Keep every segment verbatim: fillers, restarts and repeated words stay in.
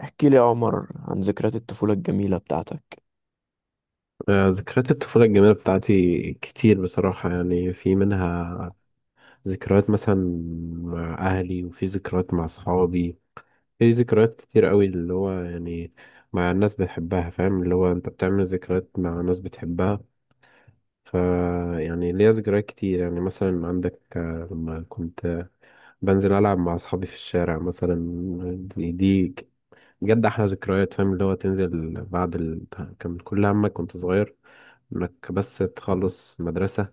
احكي لي يا عمر عن ذكريات الطفولة الجميلة بتاعتك. آه، ذكريات الطفولة الجميلة بتاعتي كتير بصراحة، يعني في منها ذكريات مثلا مع أهلي، وفي ذكريات مع صحابي. في ذكريات كتير قوي اللي هو يعني مع الناس بتحبها، فاهم؟ اللي هو أنت بتعمل ذكريات مع ناس بتحبها. ف يعني ليا ذكريات كتير، يعني مثلا عندك، آه، لما كنت بنزل ألعب مع أصحابي في الشارع مثلا. دي دي جد أحلى ذكريات، فاهم؟ اللي هو تنزل بعد ال... كان كل همك كنت صغير، انك بس تخلص مدرسة،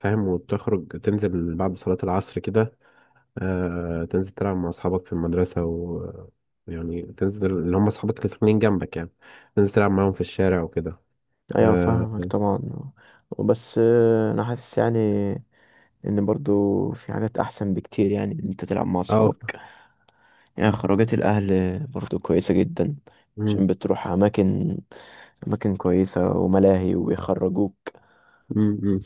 فاهم؟ وتخرج تنزل بعد صلاة العصر كده. آه، تنزل تلعب مع أصحابك في المدرسة و يعني تنزل اللي هم أصحابك اللي ساكنين جنبك، يعني تنزل تلعب معاهم في الشارع وكده. ايوه اه. فاهمك طبعا. بس انا حاسس يعني ان برضو في حاجات احسن بكتير، يعني ان انت تلعب مع آه، اصحابك. يعني خروجات الاهل برضو كويسة جدا، مم، عشان بتروح اماكن اماكن كويسة وملاهي ويخرجوك. مم، مم.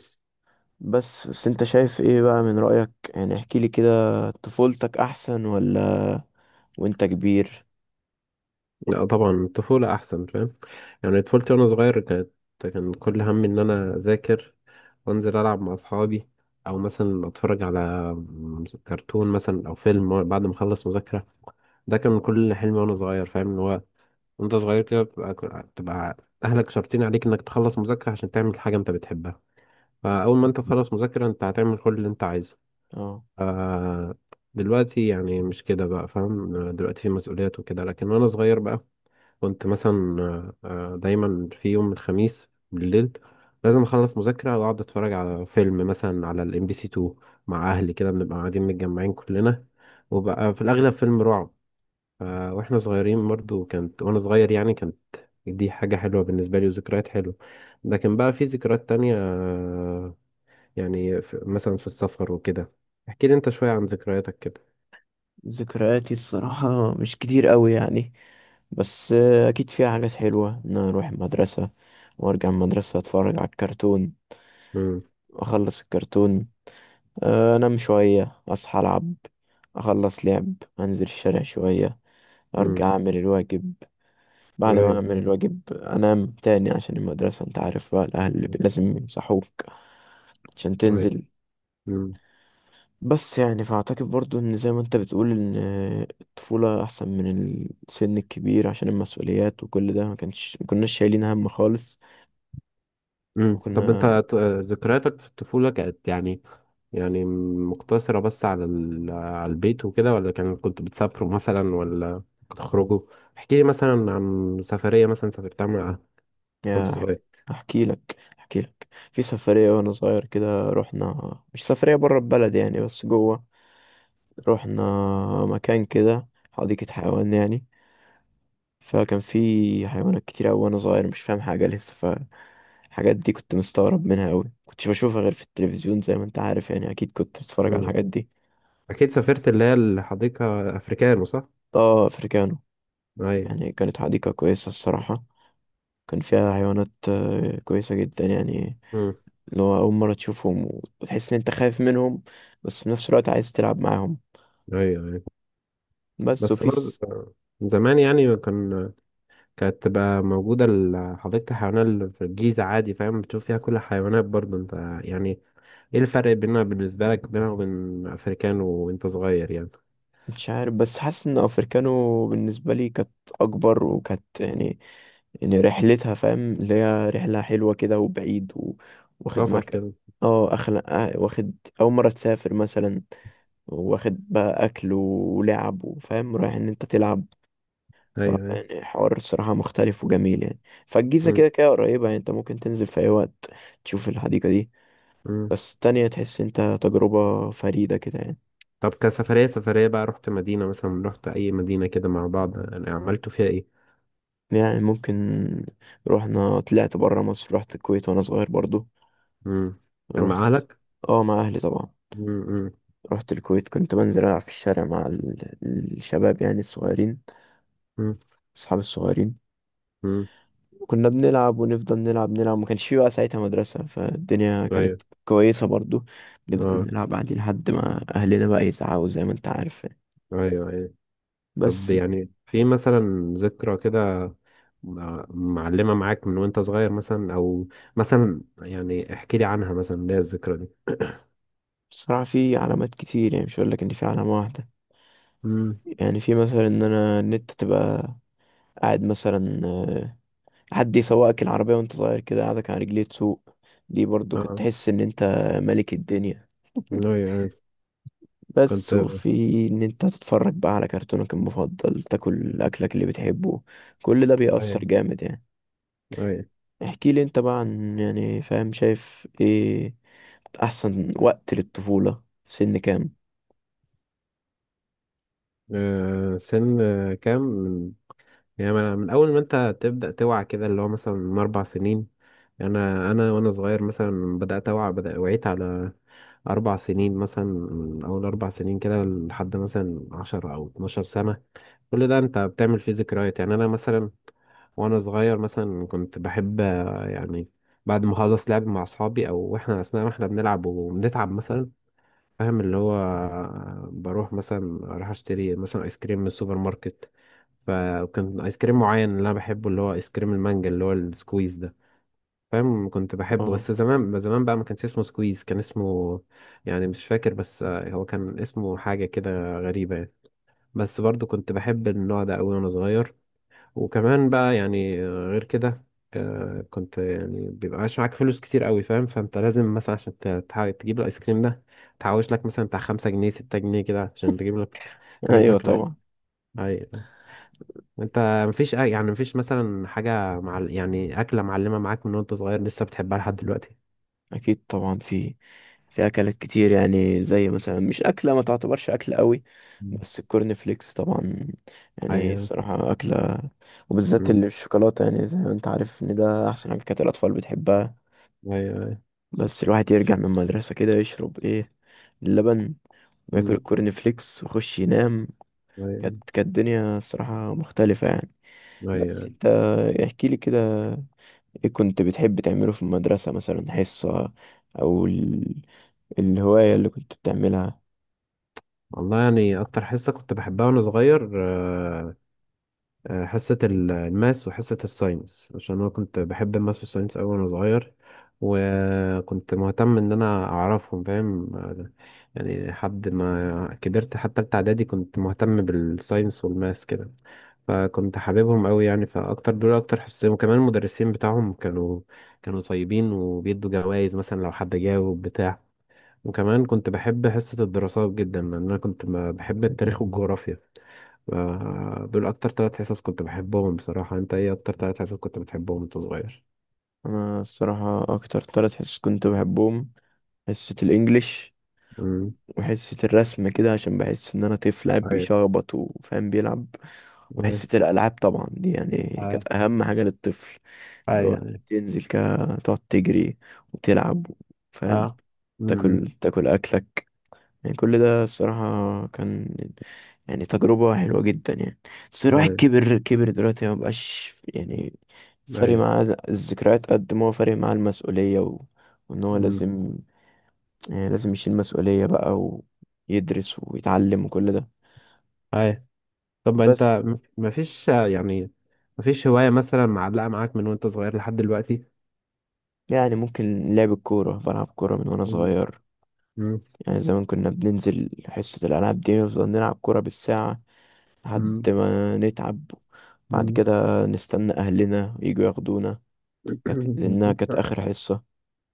بس بس انت شايف ايه بقى من رأيك؟ يعني احكي لي كده، طفولتك احسن ولا وانت كبير؟ لا طبعا الطفولة أحسن، فاهم. يعني طفولتي وأنا صغير كانت، كان كل همي إن أنا أذاكر وأنزل ألعب مع أصحابي، أو مثلا أتفرج على كرتون مثلا أو فيلم بعد ما أخلص مذاكرة. ده كان كل حلمي وانا صغير، فاهم؟ اللي هو وانت صغير كده بتبقى بتبقى اهلك شرطين عليك انك تخلص مذاكرة عشان تعمل حاجة انت بتحبها. فاول ما انت تخلص مذاكرة، انت هتعمل كل اللي انت عايزه. اه، آه. دلوقتي يعني مش كده بقى، فاهم. دلوقتي في مسؤوليات وكده، لكن وانا صغير بقى كنت مثلا، آه، دايما في يوم الخميس بالليل لازم اخلص مذاكرة واقعد اتفرج على فيلم مثلا على الام بي سي اتنين مع اهلي، كده بنبقى قاعدين متجمعين كلنا، وبقى في الاغلب فيلم رعب. ف- واحنا صغيرين برضو كانت، وانا صغير يعني كانت دي حاجة حلوة بالنسبة لي وذكريات حلوة. لكن بقى في ذكريات تانية، آه، يعني في مثلا في السفر وكده. احكي لي انت شوية عن ذكرياتك كده. ذكرياتي الصراحة مش كتير قوي يعني. بس آه، أكيد فيها حاجات حلوة، إن أنا أروح المدرسة وأرجع من المدرسة أتفرج على الكرتون، امم. أخلص الكرتون، آه، أنام شوية أصحى ألعب، أخلص لعب، أنزل الشارع شوية، امم. أرجع أعمل الواجب. بعد ما قريب. أعمل الواجب أنام تاني عشان المدرسة، أنت عارف بقى الأهل لازم يصحوك عشان قريب. تنزل. امم. بس يعني فأعتقد برضو إن زي ما أنت بتقول، إن الطفولة أحسن من السن الكبير، عشان المسؤوليات وكل ده ما كانش، ما كناش شايلين هم خالص. امم. طب انت، وكنا ت- ذكرياتك في الطفولة كانت يعني، يعني مقتصرة بس على ال... على البيت وكده، ولا كان كنت بتسافروا مثلا ولا بتخرجوا؟ احكي لي مثلا عن سفرية مثلا سافرتها مع، وانت يا صغير. أحكي لك، أحكي لك في سفرية وأنا صغير كده رحنا، مش سفرية برا البلد يعني بس جوه. رحنا مكان كده حديقة حيوان يعني، فكان في حيوانات كتير أوي، وأنا صغير مش فاهم حاجة لسه. ف الحاجات دي كنت مستغرب منها أوي، كنتش بشوفها غير في التلفزيون، زي ما أنت عارف يعني، أكيد كنت بتتفرج على الحاجات دي. اكيد سافرت اللي هي الحديقه، افريكانو، صح؟ اه أفريكانو، ايوه. يعني كانت حديقة كويسة الصراحة. كان فيها حيوانات آه، كويسة جدا يعني، امم. اللي هو أول مرة تشوفهم وتحس إن أنت خايف منهم، بس في نفس الوقت عايز تلعب معاهم. ايوه، ايوه. بس بس وفي برضه س- من زمان يعني كان، كانت تبقى موجوده حديقه الحيوانات اللي في الجيزه عادي، فاهم؟ بتشوف فيها كل الحيوانات برضه انت، يعني ايه الفرق بينها بالنسبه لك، بينها وبين افريكانو وانت صغير يعني؟ مش عارف، بس حاسس إن أفريكانو بالنسبة لي كانت أكبر، وكانت يعني، يعني رحلتها فاهم، اللي هي رحلة حلوة كده وبعيد و... واخد سفر معاك. كده. اه أخلا آه، واخد، أول مرة تسافر مثلا، واخد بقى أكل ولعب وفاهم رايح إن أنت تلعب. ف ايوه، ايوه. يعني حوار الصراحة مختلف وجميل يعني. فالجيزة كده امم. كده قريبة يعني، أنت ممكن تنزل في أي وقت تشوف الحديقة دي. امم. بس التانية تحس أنت تجربة فريدة كده يعني. طب كسفريه، سفريه بقى رحت مدينه مثلا، رحت اي مدينه كده مع بعض، يعني عملتوا فيها ايه؟ يعني ممكن، رحنا طلعت برا مصر، رحت الكويت وأنا صغير برضو. امم. كان مع رحت، اهلك؟ اه مع أهلي طبعا. امم. رحت الكويت، كنت بنزل ألعب في الشارع مع ال- الشباب يعني الصغيرين، امم. أصحاب الصغيرين. امم. كنا بنلعب، ونفضل نلعب نلعب، ما كانش في بقى ساعتها مدرسة، فالدنيا ايوه. كانت كويسة برضو. نفضل اه. نلعب عادي لحد ما أهلنا بقى يزعقوا، زي ما أنت عارف يعني. ايوه، ايوه. طب بس يعني في مثلا ذكرى كده مع- معلمة معاك من وانت صغير مثلا، او مثلا يعني احكي لي عنها مثلا اللي هي الذكرى دي. بصراحة في علامات كتير يعني، مش هقول لك إن في علامة واحدة. امم. يعني في مثلا إن أنا، إن أنت تبقى قاعد مثلا، آه، حد يسوقك العربية وأنت صغير كده، قاعدك على رجليه تسوق. دي برضو كنت اه. تحس إن أنت ملك الدنيا. ايوه، أيوة. بس كنت. وفي ان انت تتفرج بقى على كرتونك المفضل، تاكل اكلك اللي بتحبه. كل ده بيأثر ايوه، جامد يعني. ايوه. احكي لي انت بقى، عن يعني فاهم شايف ايه احسن وقت للطفولة، في سن كام؟ آه، سن، آه، كام، من يعني، من من اول ما انت تبدأ توعى كده، اللي هو مثلا من اربع سنين. انا انا وانا صغير مثلا بدأت اوعى، بدأ وعيت على اربع سنين مثلا. من اول اربع سنين كده لحد مثلا عشر او اتناشر سنة، كل ده انت بتعمل فيه ذكريات. يعني انا مثلا وانا صغير مثلا كنت بحب، آه، يعني بعد ما اخلص لعب مع اصحابي، او احنا اثناء ما احنا بنلعب وبنتعب مثلا، فاهم؟ اللي هو آه، بروح مثلا، اروح اشتري مثلا ايس كريم من السوبر ماركت. فكان ايس كريم معين اللي انا بحبه، اللي هو ايس كريم المانجا، اللي هو السكويز ده، فاهم؟ كنت بحبه بس اه زمان زمان بقى ما كانش اسمه سكويز، كان اسمه، يعني مش فاكر، بس آه، هو كان اسمه حاجة كده غريبة يعني. بس برضو كنت بحب النوع ده قوي وانا صغير. وكمان بقى يعني، آه، غير كده، آه، كنت يعني بيبقاش معاك فلوس كتير قوي، فاهم؟ فانت لازم مثلا عشان ت- تح- تجيب الايس كريم ده، تحوش لك مثلا بتاع خمسة جنيه، ستة جنيه كده، عشان تجيب لك تجيب ايوه لك الايس. طبعا. اي. انت مفيش أي- يعني مفيش مثلا حاجة، مع، يعني أكلة معلمة معاك من وانت صغير لسه بتحبها لحد دلوقتي؟ اكيد طبعا، في في اكلات كتير يعني، زي مثلا مش اكله، ما تعتبرش اكل قوي. مم. بس الكورن فليكس طبعا، يعني ايوه. الصراحه اكله، وبالذات أمم. اللي بالشوكولاته. يعني زي ما انت عارف ان ده احسن حاجه كانت الاطفال بتحبها. ايوه، أيوة. بس الواحد يرجع من المدرسة كده يشرب ايه، اللبن، وياكل أمم. الكورن فليكس ويخش ينام. ايوه، كانت كانت الدنيا الصراحة مختلفة يعني. بس أيوة. انت احكي لي كده، ايه كنت بتحب تعمله في المدرسة، مثلا حصة او ال... الهواية اللي كنت بتعملها؟ والله يعني اكتر حصه كنت بحبها وانا صغير، آه، آه، حصة ال- الماس وحصة الساينس، عشان أنا كنت بحب الماس والساينس أوي وأنا صغير، وكنت مهتم إن أنا أعرفهم، فاهم. آه، يعني لحد ما كبرت حتى تالتة إعدادي كنت مهتم بالساينس والماس كده. فكنت حاببهم أوي يعني. فأكتر دول أكتر حصتين، وكمان المدرسين بتاعهم كانوا كانوا طيبين وبيدوا جوائز مثلا لو حد جاوب بتاع. وكمان كنت بحب حصة الدراسات جدا، لأن أنا كنت ب- بحب التاريخ والجغرافيا. ف- دول أكتر ثلاث حصص كنت بحبهم بصراحة. أنت إيه أكتر ثلاث حصص كنت بتحبهم وأنت صغير؟ انا الصراحة اكتر تلات حصص كنت بحبهم، حصة الانجليش، أمم. وحصة الرسم كده، عشان بحس إن أنا طفل قاعد أيوة. بيشخبط وفاهم بيلعب، أيوة. وحصة الألعاب طبعا. دي يعني آه. كانت أهم حاجة للطفل، إن أي هو يعني. تنزل كده تقعد تجري وتلعب فاهم، آه. أمم. تاكل تاكل أكلك. يعني كل ده الصراحة كان يعني تجربة حلوة جدا يعني. بس الواحد أيوة. كبر، كبر دلوقتي ما بقاش يعني فارق أيوة. معاه الذكريات قد ما هو فارق معاه المسؤولية و... وإن هو أمم. لازم، يعني لازم يشيل مسؤولية بقى، ويدرس ويتعلم وكل ده. أيوة. طب أنت بس م- مفيش، آه، يعني مفيش هواية مثلا معلقة معاك من وأنت صغير لحد دلوقتي؟ يعني ممكن لعب الكورة، بلعب كورة من وأنا أمم. صغير. أمم. يعني زمان كنا بننزل حصة الألعاب دي نفضل نلعب كورة بالساعة لحد أمم. ما نتعب، بعد أمم. كده نستنى أهلنا يجوا ياخدونا. كانت، لأنها كانت آخر حصة.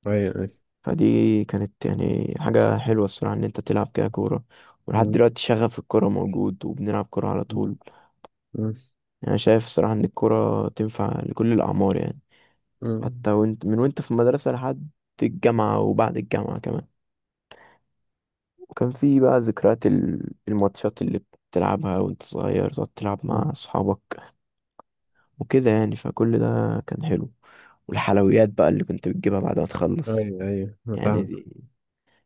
أيوة، أيوة. فدي كانت يعني حاجة حلوة الصراحة، إن أنت تلعب كده كورة. ولحد أمم. دلوقتي شغف الكورة موجود، وبنلعب كورة على طول. أمم. يعني شايف صراحة إن الكورة تنفع لكل الأعمار يعني، أمم. حتى وانت من وانت في المدرسة لحد الجامعة، وبعد الجامعة كمان. وكان في بقى ذكريات ال- الماتشات اللي بتلعبها وانت صغير، تقعد تلعب مع أصحابك وكده يعني. فكل ده كان حلو. والحلويات بقى اللي كنت بتجيبها بعد ما تخلص ايوه، ايوه، انا يعني، فاهم. دي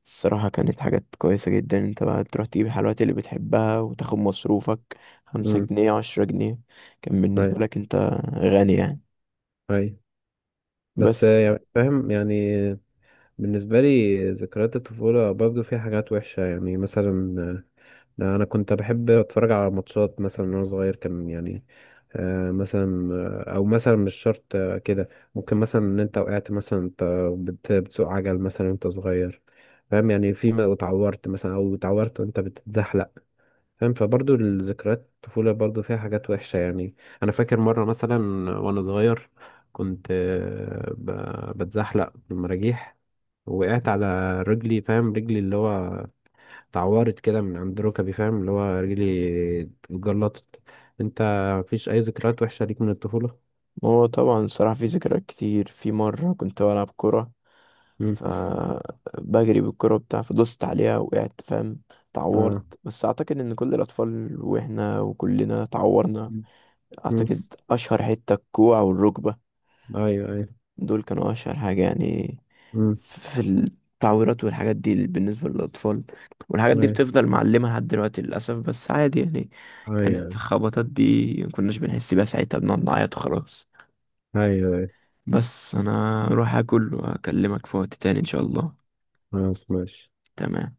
الصراحة كانت حاجات كويسة جدا. انت بقى تروح تجيب الحلويات اللي بتحبها، وتاخد مصروفك خمسة امم. جنيه عشرة جنيه كان ايوه، بالنسبة لك انت غني يعني. ايوه. بس بس آه، يعني فاهم، يعني بالنسبه لي ذكريات الطفوله برضو فيها حاجات وحشه، يعني مثلا، آه، انا كنت بحب اتفرج على ماتشات مثلا وانا صغير، كان يعني، آه، مثلا، آه، او مثلا مش شرط، آه، كده ممكن مثلا ان انت وقعت مثلا، انت بت- بتسوق عجل مثلا انت صغير، فاهم؟ يعني في ما اتعورت مثلا، او اتعورت وانت بتتزحلق، فاهم؟ فبرضه الذكريات الطفولة برضه فيها حاجات وحشة يعني. أنا فاكر مرة مثلا وأنا صغير كنت، آه، ب- بتزحلق بالمراجيح، وقعت على رجلي، فاهم؟ رجلي اللي هو اتعورت كده من عند ركبي، فاهم؟ اللي هو رجلي اتجلطت. انت مفيش أي ذكريات وحشة ليك من الطفولة؟ هو طبعا الصراحة في ذكريات كتير. في مرة كنت بلعب كورة، مم. فبجري بالكرة بتاع، فدوست عليها وقعدت فاهم، اتعورت. اه. بس اعتقد ان كل الاطفال، واحنا وكلنا اتعورنا. مم. مم. اعتقد اشهر حتة الكوع والركبة، أيوه، أيوه. دول كانوا اشهر حاجة يعني مم. في التعويرات والحاجات دي بالنسبة للاطفال. والحاجات دي أيوه، بتفضل معلمة لحد دلوقتي للاسف، بس عادي يعني. كانت أيوه. الخبطات دي مكناش بنحس بيها ساعتها، بنقعد نعيط وخلاص. أيوه، أيوه. بس انا اروح اكل واكلمك في وقت تاني ان شاء الله. خلاص، ماشي. تمام.